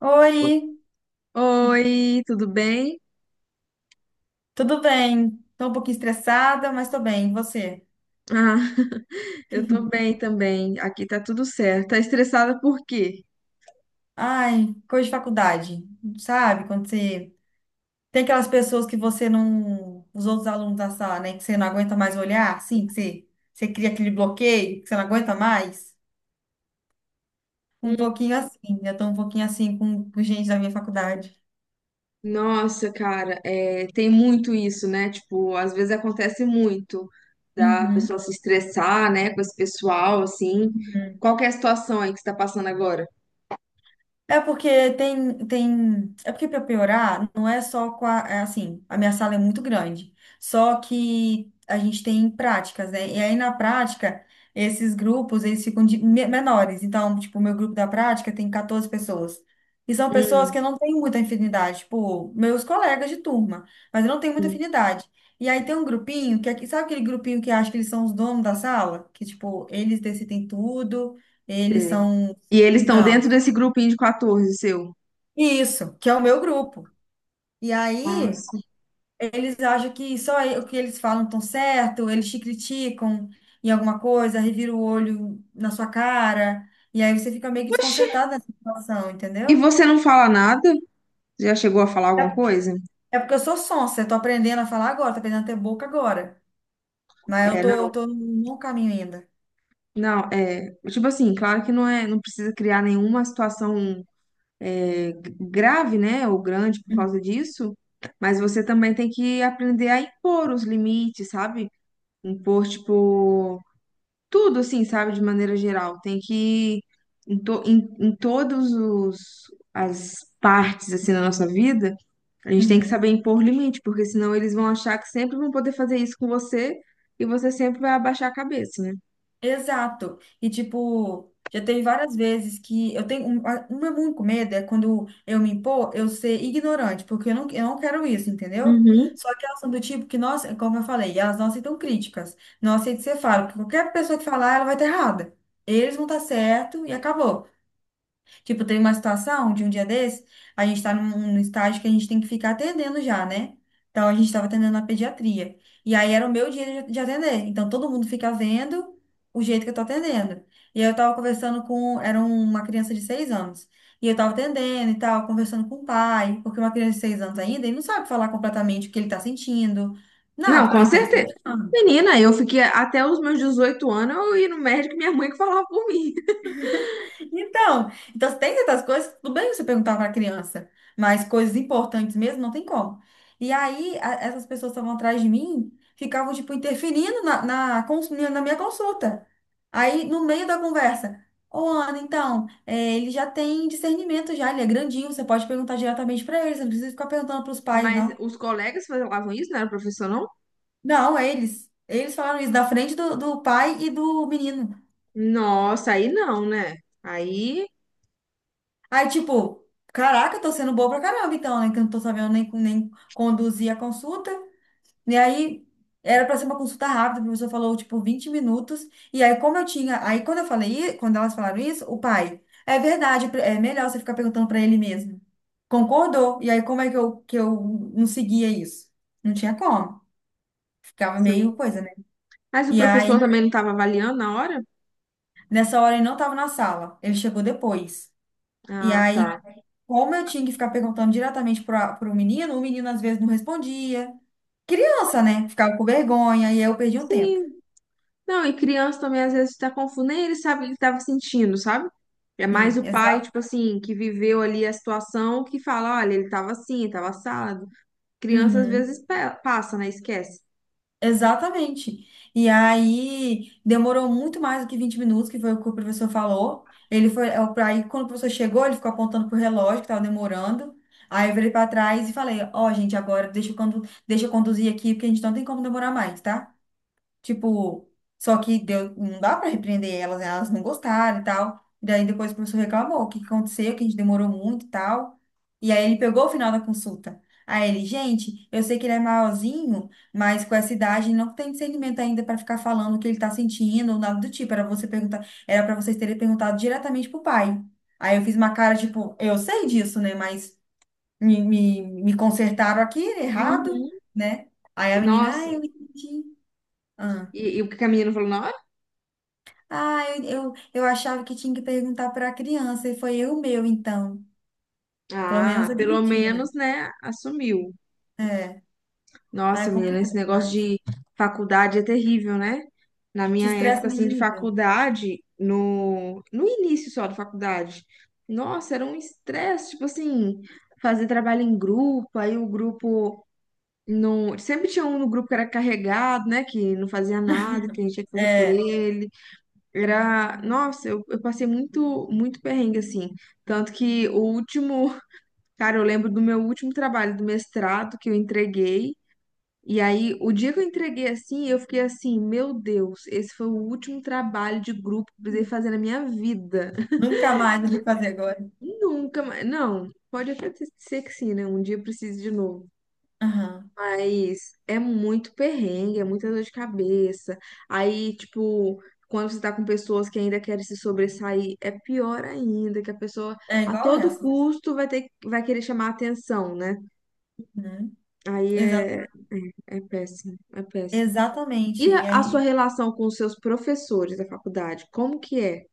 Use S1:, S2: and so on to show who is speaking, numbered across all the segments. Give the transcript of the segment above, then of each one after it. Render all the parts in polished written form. S1: Oi,
S2: Oi, tudo bem?
S1: tudo bem? Tô um pouquinho estressada, mas tô bem. E você?
S2: Ah, eu tô bem também. Aqui tá tudo certo. Tá estressada por quê?
S1: Ai, coisa de faculdade, sabe? Quando você tem aquelas pessoas que você não, os outros alunos da sala, né, que você não aguenta mais olhar, assim, que você cria aquele bloqueio, que você não aguenta mais. Um
S2: Hum,
S1: pouquinho assim, eu tô um pouquinho assim com gente da minha faculdade.
S2: Nossa, cara, é, tem muito isso, né? Tipo, às vezes acontece muito da
S1: Uhum.
S2: pessoa se estressar, né, com esse pessoal, assim. Qual que é a situação aí que você tá passando agora?
S1: É porque tem, tem. É porque para piorar, não é só com a. É assim, a minha sala é muito grande. Só que a gente tem práticas, né? E aí na prática, esses grupos, eles ficam menores. Então, tipo, o meu grupo da prática tem 14 pessoas. E são pessoas
S2: Hum,
S1: que eu não tenho muita afinidade. Tipo, meus colegas de turma. Mas eu não tenho muita
S2: hum,
S1: afinidade. E aí tem um grupinho que é. Sabe aquele grupinho que acha que eles são os donos da sala? Que, tipo, eles decidem tudo, eles
S2: sei.
S1: são.
S2: E eles estão
S1: Então.
S2: dentro desse grupinho de 14, seu?
S1: Isso, que é o meu grupo. E aí,
S2: Nossa.
S1: eles acham que só o que eles falam estão certo, eles te criticam em alguma coisa, revira o olho na sua cara, e aí você fica meio que
S2: Oxi,
S1: desconcertado nessa situação,
S2: e
S1: entendeu?
S2: você não fala nada? Já chegou a falar alguma
S1: É,
S2: coisa?
S1: é porque eu sou sonsa, eu tô aprendendo a falar agora, tô aprendendo a ter boca agora. Mas eu
S2: É,
S1: tô,
S2: não.
S1: tô no bom caminho ainda.
S2: Não, é, tipo assim, claro que não é, não precisa criar nenhuma situação é, grave, né, ou grande por
S1: Uhum.
S2: causa disso, mas você também tem que aprender a impor os limites, sabe? Impor, tipo, tudo assim, sabe, de maneira geral. Tem que, em todos os, as partes, assim, da nossa vida, a gente tem que
S1: Uhum.
S2: saber impor limite, porque senão eles vão achar que sempre vão poder fazer isso com você e você sempre vai abaixar a cabeça, né?
S1: Exato. E, tipo, já teve várias vezes que eu tenho um meu único medo é quando eu me impor, eu ser ignorante, porque eu não quero isso, entendeu? Só que elas são do tipo que, nós, como eu falei, elas não aceitam críticas, não aceitam ser você fala, porque qualquer pessoa que falar, ela vai estar errada. Eles vão estar certo e acabou. Tipo, tem uma situação de um dia desse, a gente tá num estágio que a gente tem que ficar atendendo já, né? Então a gente tava atendendo na pediatria. E aí era o meu dia de atender. Então todo mundo fica vendo o jeito que eu tô atendendo. E aí eu tava conversando com, era uma criança de 6 anos. E eu tava atendendo e tal, conversando com o pai, porque uma criança de seis anos ainda, ele não sabe falar completamente o que ele tá sentindo, nada,
S2: Não,
S1: porque
S2: com
S1: ele tem seis
S2: certeza.
S1: anos.
S2: Menina, eu fiquei até os meus 18 anos, eu ia no médico e minha mãe que falava por mim.
S1: Então tem certas coisas, tudo bem você perguntar para a criança, mas coisas importantes mesmo não tem como. E aí, essas pessoas que estavam atrás de mim, ficavam, tipo, interferindo na minha consulta. Aí, no meio da conversa, ô Ana, então, é, ele já tem discernimento já, ele é grandinho, você pode perguntar diretamente para ele, você não precisa ficar perguntando para os pais,
S2: Mas
S1: não.
S2: os colegas falavam isso, não era o professor, não?
S1: Não, eles. Eles falaram isso da frente do pai e do menino.
S2: Nossa, aí não, né? Aí,
S1: Aí, tipo, caraca, eu tô sendo boa pra caramba, então, né? Que eu não tô sabendo nem conduzir a consulta. E aí, era pra ser uma consulta rápida, o professor falou, tipo, 20 minutos. E aí, como eu tinha. Aí, quando eu falei, i- quando elas falaram isso, o pai, é verdade, é melhor você ficar perguntando pra ele mesmo. Concordou. E aí, como é que eu não seguia isso? Não tinha como. Ficava
S2: sim.
S1: meio coisa, né?
S2: Mas o
S1: E
S2: professor
S1: aí,
S2: também não estava avaliando na hora?
S1: nessa hora, ele não estava na sala, ele chegou depois. E
S2: Ah,
S1: aí,
S2: tá.
S1: como eu tinha que ficar perguntando diretamente para o menino às vezes não respondia. Criança, né? Ficava com vergonha e aí eu perdi um tempo.
S2: Sim. Não, e criança também às vezes está confuso, nem ele sabe o que ele estava sentindo, sabe? É mais
S1: Sim,
S2: o
S1: exa
S2: pai, tipo assim, que viveu ali a situação, que fala, olha, ele estava assim, estava assado. Criança às
S1: Uhum,
S2: vezes passa, né? Esquece.
S1: exatamente. E aí demorou muito mais do que 20 minutos, que foi o que o professor falou. Ele foi, é, o- aí quando o professor chegou, ele ficou apontando pro relógio que estava demorando. Aí eu virei para trás e falei: Ó, gente, agora deixa eu conduzir aqui, porque a gente não tem como demorar mais, tá? Tipo, só que deu, não dá pra repreender elas, né? Elas não gostaram e tal. Daí depois o professor reclamou, o que que aconteceu, que a gente demorou muito e tal. E aí ele pegou o final da consulta. Aí ele, gente, eu sei que ele é maiorzinho, mas com essa idade ele não tem discernimento ainda pra ficar falando o que ele tá sentindo ou nada do tipo. Era você perguntar, era para vocês terem perguntado diretamente pro pai. Aí eu fiz uma cara tipo, eu sei disso, né? Mas me consertaram aqui errado,
S2: Uhum.
S1: né? Aí
S2: E,
S1: a menina, ah,
S2: Nossa,
S1: eu entendi.
S2: e o que a menina falou na hora?
S1: Ah, eu achava que tinha que perguntar para a criança, e foi eu meu, então. Pelo menos
S2: Ah, pelo
S1: admitiu, né?
S2: menos, né, assumiu.
S1: É. Ah,
S2: Nossa,
S1: é
S2: menina,
S1: complicado
S2: esse negócio
S1: demais.
S2: de faculdade é terrível, né? Na
S1: Te
S2: minha
S1: estressa
S2: época,
S1: no
S2: assim, de
S1: nível.
S2: faculdade, no início só da faculdade, nossa, era um estresse, tipo assim, fazer trabalho em grupo, aí o grupo não... Sempre tinha um no grupo que era carregado, né, que não fazia nada, que a gente tinha que fazer por
S1: É.
S2: ele. Era... Nossa, eu passei muito, muito perrengue, assim. Tanto que o último Cara, eu lembro do meu último trabalho do mestrado que eu entreguei. E aí, o dia que eu entreguei assim, eu fiquei assim, meu Deus, esse foi o último trabalho de grupo que eu precisei fazer na minha vida.
S1: Nunca mais eu vou fazer agora.
S2: Nunca mais. Não, pode até ser que sim, né? Um dia eu precise de novo.
S1: Aham.
S2: Mas é muito perrengue, é muita dor de cabeça. Aí, tipo, quando você tá com pessoas que ainda querem se sobressair, é pior ainda, que a pessoa
S1: É
S2: a
S1: igual
S2: todo
S1: essa.
S2: custo vai ter, vai querer chamar a atenção, né?
S1: Uhum.
S2: Aí
S1: Exata-
S2: é é péssimo, é péssimo. E
S1: Exatamente. E
S2: a sua
S1: aí.
S2: relação com os seus professores da faculdade, como que é?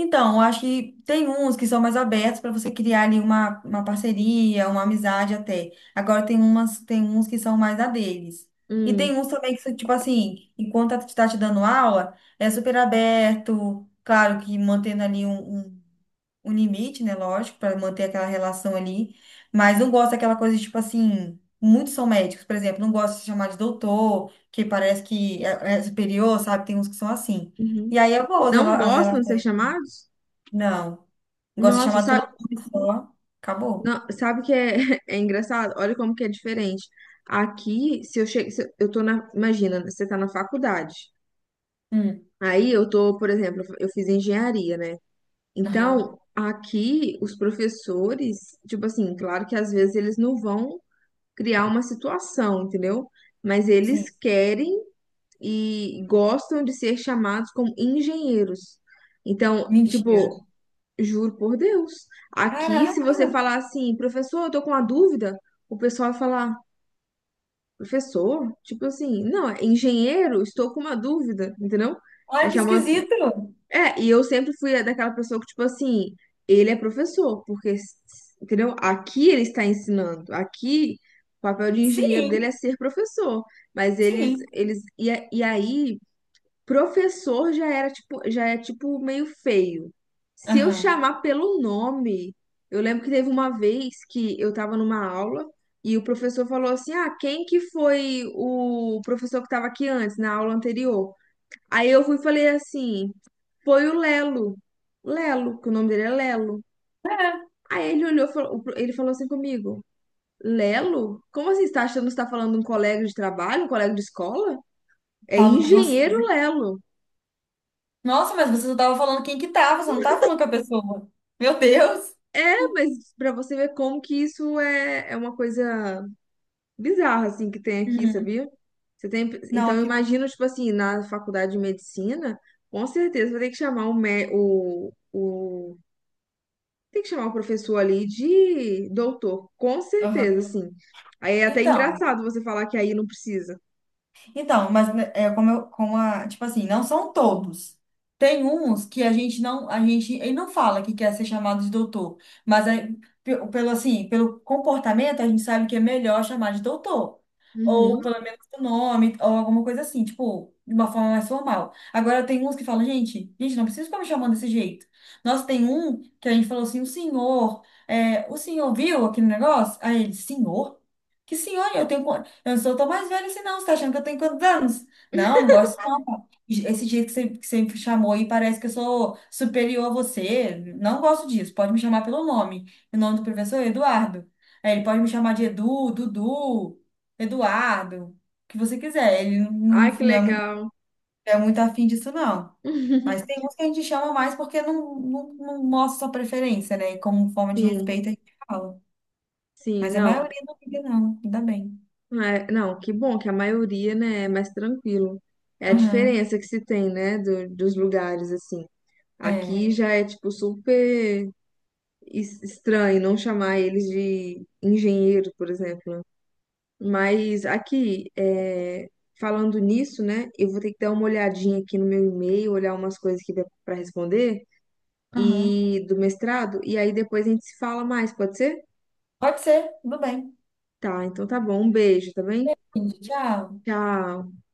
S1: Então, eu acho que tem uns que são mais abertos para você criar ali uma parceria, uma amizade até. Agora tem uns que são mais a deles. E
S2: Hum,
S1: tem uns também que, tipo assim, enquanto está te dando aula, é super aberto, claro que mantendo ali um limite, né? Lógico, para manter aquela relação ali. Mas não gosta daquela coisa, de, tipo assim, muitos são médicos, por exemplo, não gosta de se chamar de doutor, que parece que é superior, sabe? Tem uns que são assim. E
S2: uhum.
S1: aí eu vou,
S2: Não
S1: as
S2: gostam de ser
S1: relações.
S2: chamados?
S1: Não. Gosto de
S2: Nossa,
S1: chamar pelo
S2: sabe,
S1: nome só. Acabou.
S2: sabe que é, é engraçado? Olha como que é diferente. Aqui, se eu chego, se eu tô na, imagina, você tá na faculdade.
S1: Hum.
S2: Aí eu tô, por exemplo, eu fiz engenharia, né?
S1: Aham.
S2: Então, aqui os professores, tipo assim, claro que às vezes eles não vão criar uma situação, entendeu? Mas eles
S1: Sim.
S2: querem e gostam de ser chamados como engenheiros. Então,
S1: Mentira.
S2: tipo, juro por Deus, aqui
S1: Caraca!
S2: se você falar assim, professor, eu tô com uma dúvida, o pessoal vai falar, professor, tipo assim, não, é engenheiro, estou com uma dúvida, entendeu?
S1: Olha
S2: É
S1: que
S2: chamando.
S1: esquisito!
S2: É, e eu sempre fui daquela pessoa que, tipo assim, ele é professor, porque, entendeu? Aqui ele está ensinando, aqui o papel de engenheiro dele é
S1: Sim,
S2: ser professor. Mas
S1: sim.
S2: e, e aí professor já era tipo, já é tipo meio feio. Se eu
S1: Aham.
S2: chamar pelo nome, eu lembro que teve uma vez que eu tava numa aula e o professor falou assim: "Ah, quem que foi o professor que tava aqui antes, na aula anterior?". Aí eu fui e falei assim: "Foi o Lelo". Lelo, que o nome dele é Lelo.
S1: É.
S2: Aí ele olhou, e ele falou assim comigo: "Lelo? Como assim? Você tá achando que você tá falando de um colega de trabalho, um colega de escola? É
S1: Falo com
S2: engenheiro
S1: você.
S2: Lelo".
S1: Nossa, mas você só tava falando quem que tava, você não tava falando com a pessoa. Meu Deus!
S2: É, mas pra você ver como que isso é, é uma coisa bizarra, assim, que tem aqui,
S1: Uhum.
S2: sabia? Você tem,
S1: Não,
S2: então, eu
S1: aqui.
S2: imagino, tipo assim, na faculdade de medicina, com certeza vai ter que chamar o, tem que chamar o professor ali de doutor, com certeza,
S1: Aham.
S2: assim. Aí é até
S1: Então.
S2: engraçado você falar que aí não precisa.
S1: Então, mas né, é como, eu, como a, tipo assim, não são todos. Tem uns que a gente não, a gente, ele não fala que quer ser chamado de doutor, mas é, pelo assim, pelo comportamento a gente sabe que é melhor chamar de doutor, ou
S2: Uhum.
S1: pelo menos o nome, ou alguma coisa assim, tipo, de uma forma mais formal. Agora tem uns que falam, gente, gente, não precisa ficar me chamando desse jeito. Nossa, tem um que a gente falou assim, o senhor, é, o senhor viu aquele negócio? Aí ele, senhor? Que senhor? Eu tenho. Eu não sou tão mais velha assim, não. Você tá achando que eu tenho quantos anos? Não, não gosto não, pá. Esse jeito que você me chamou aí parece que eu sou superior a você. Não gosto disso. Pode me chamar pelo nome. O nome do professor é Eduardo. Aí ele pode me chamar de Edu, Dudu, Eduardo, o que você quiser. Ele
S2: Ai,
S1: não,
S2: que
S1: não é muito,
S2: legal.
S1: é muito afim disso, não. Mas tem uns que a gente chama mais porque não mostra sua preferência, né? E como forma de
S2: Sim,
S1: respeito a gente fala.
S2: sim,
S1: Mas a
S2: não.
S1: maioria não liga, não. Ainda bem.
S2: É, não, que bom que a maioria, né, é mais tranquilo. É a
S1: Aham,
S2: diferença que se tem, né, dos lugares, assim.
S1: é.
S2: Aqui já é, tipo, super estranho não chamar eles de engenheiro, por exemplo. Né? Mas aqui, é, falando nisso, né, eu vou ter que dar uma olhadinha aqui no meu e-mail, olhar umas coisas que dá para responder
S1: Aham.
S2: e do mestrado, e aí depois a gente se fala mais, pode ser?
S1: Pode ser, tudo bem.
S2: Tá, então tá bom. Um beijo, tá bem?
S1: Tchau.
S2: Tchau.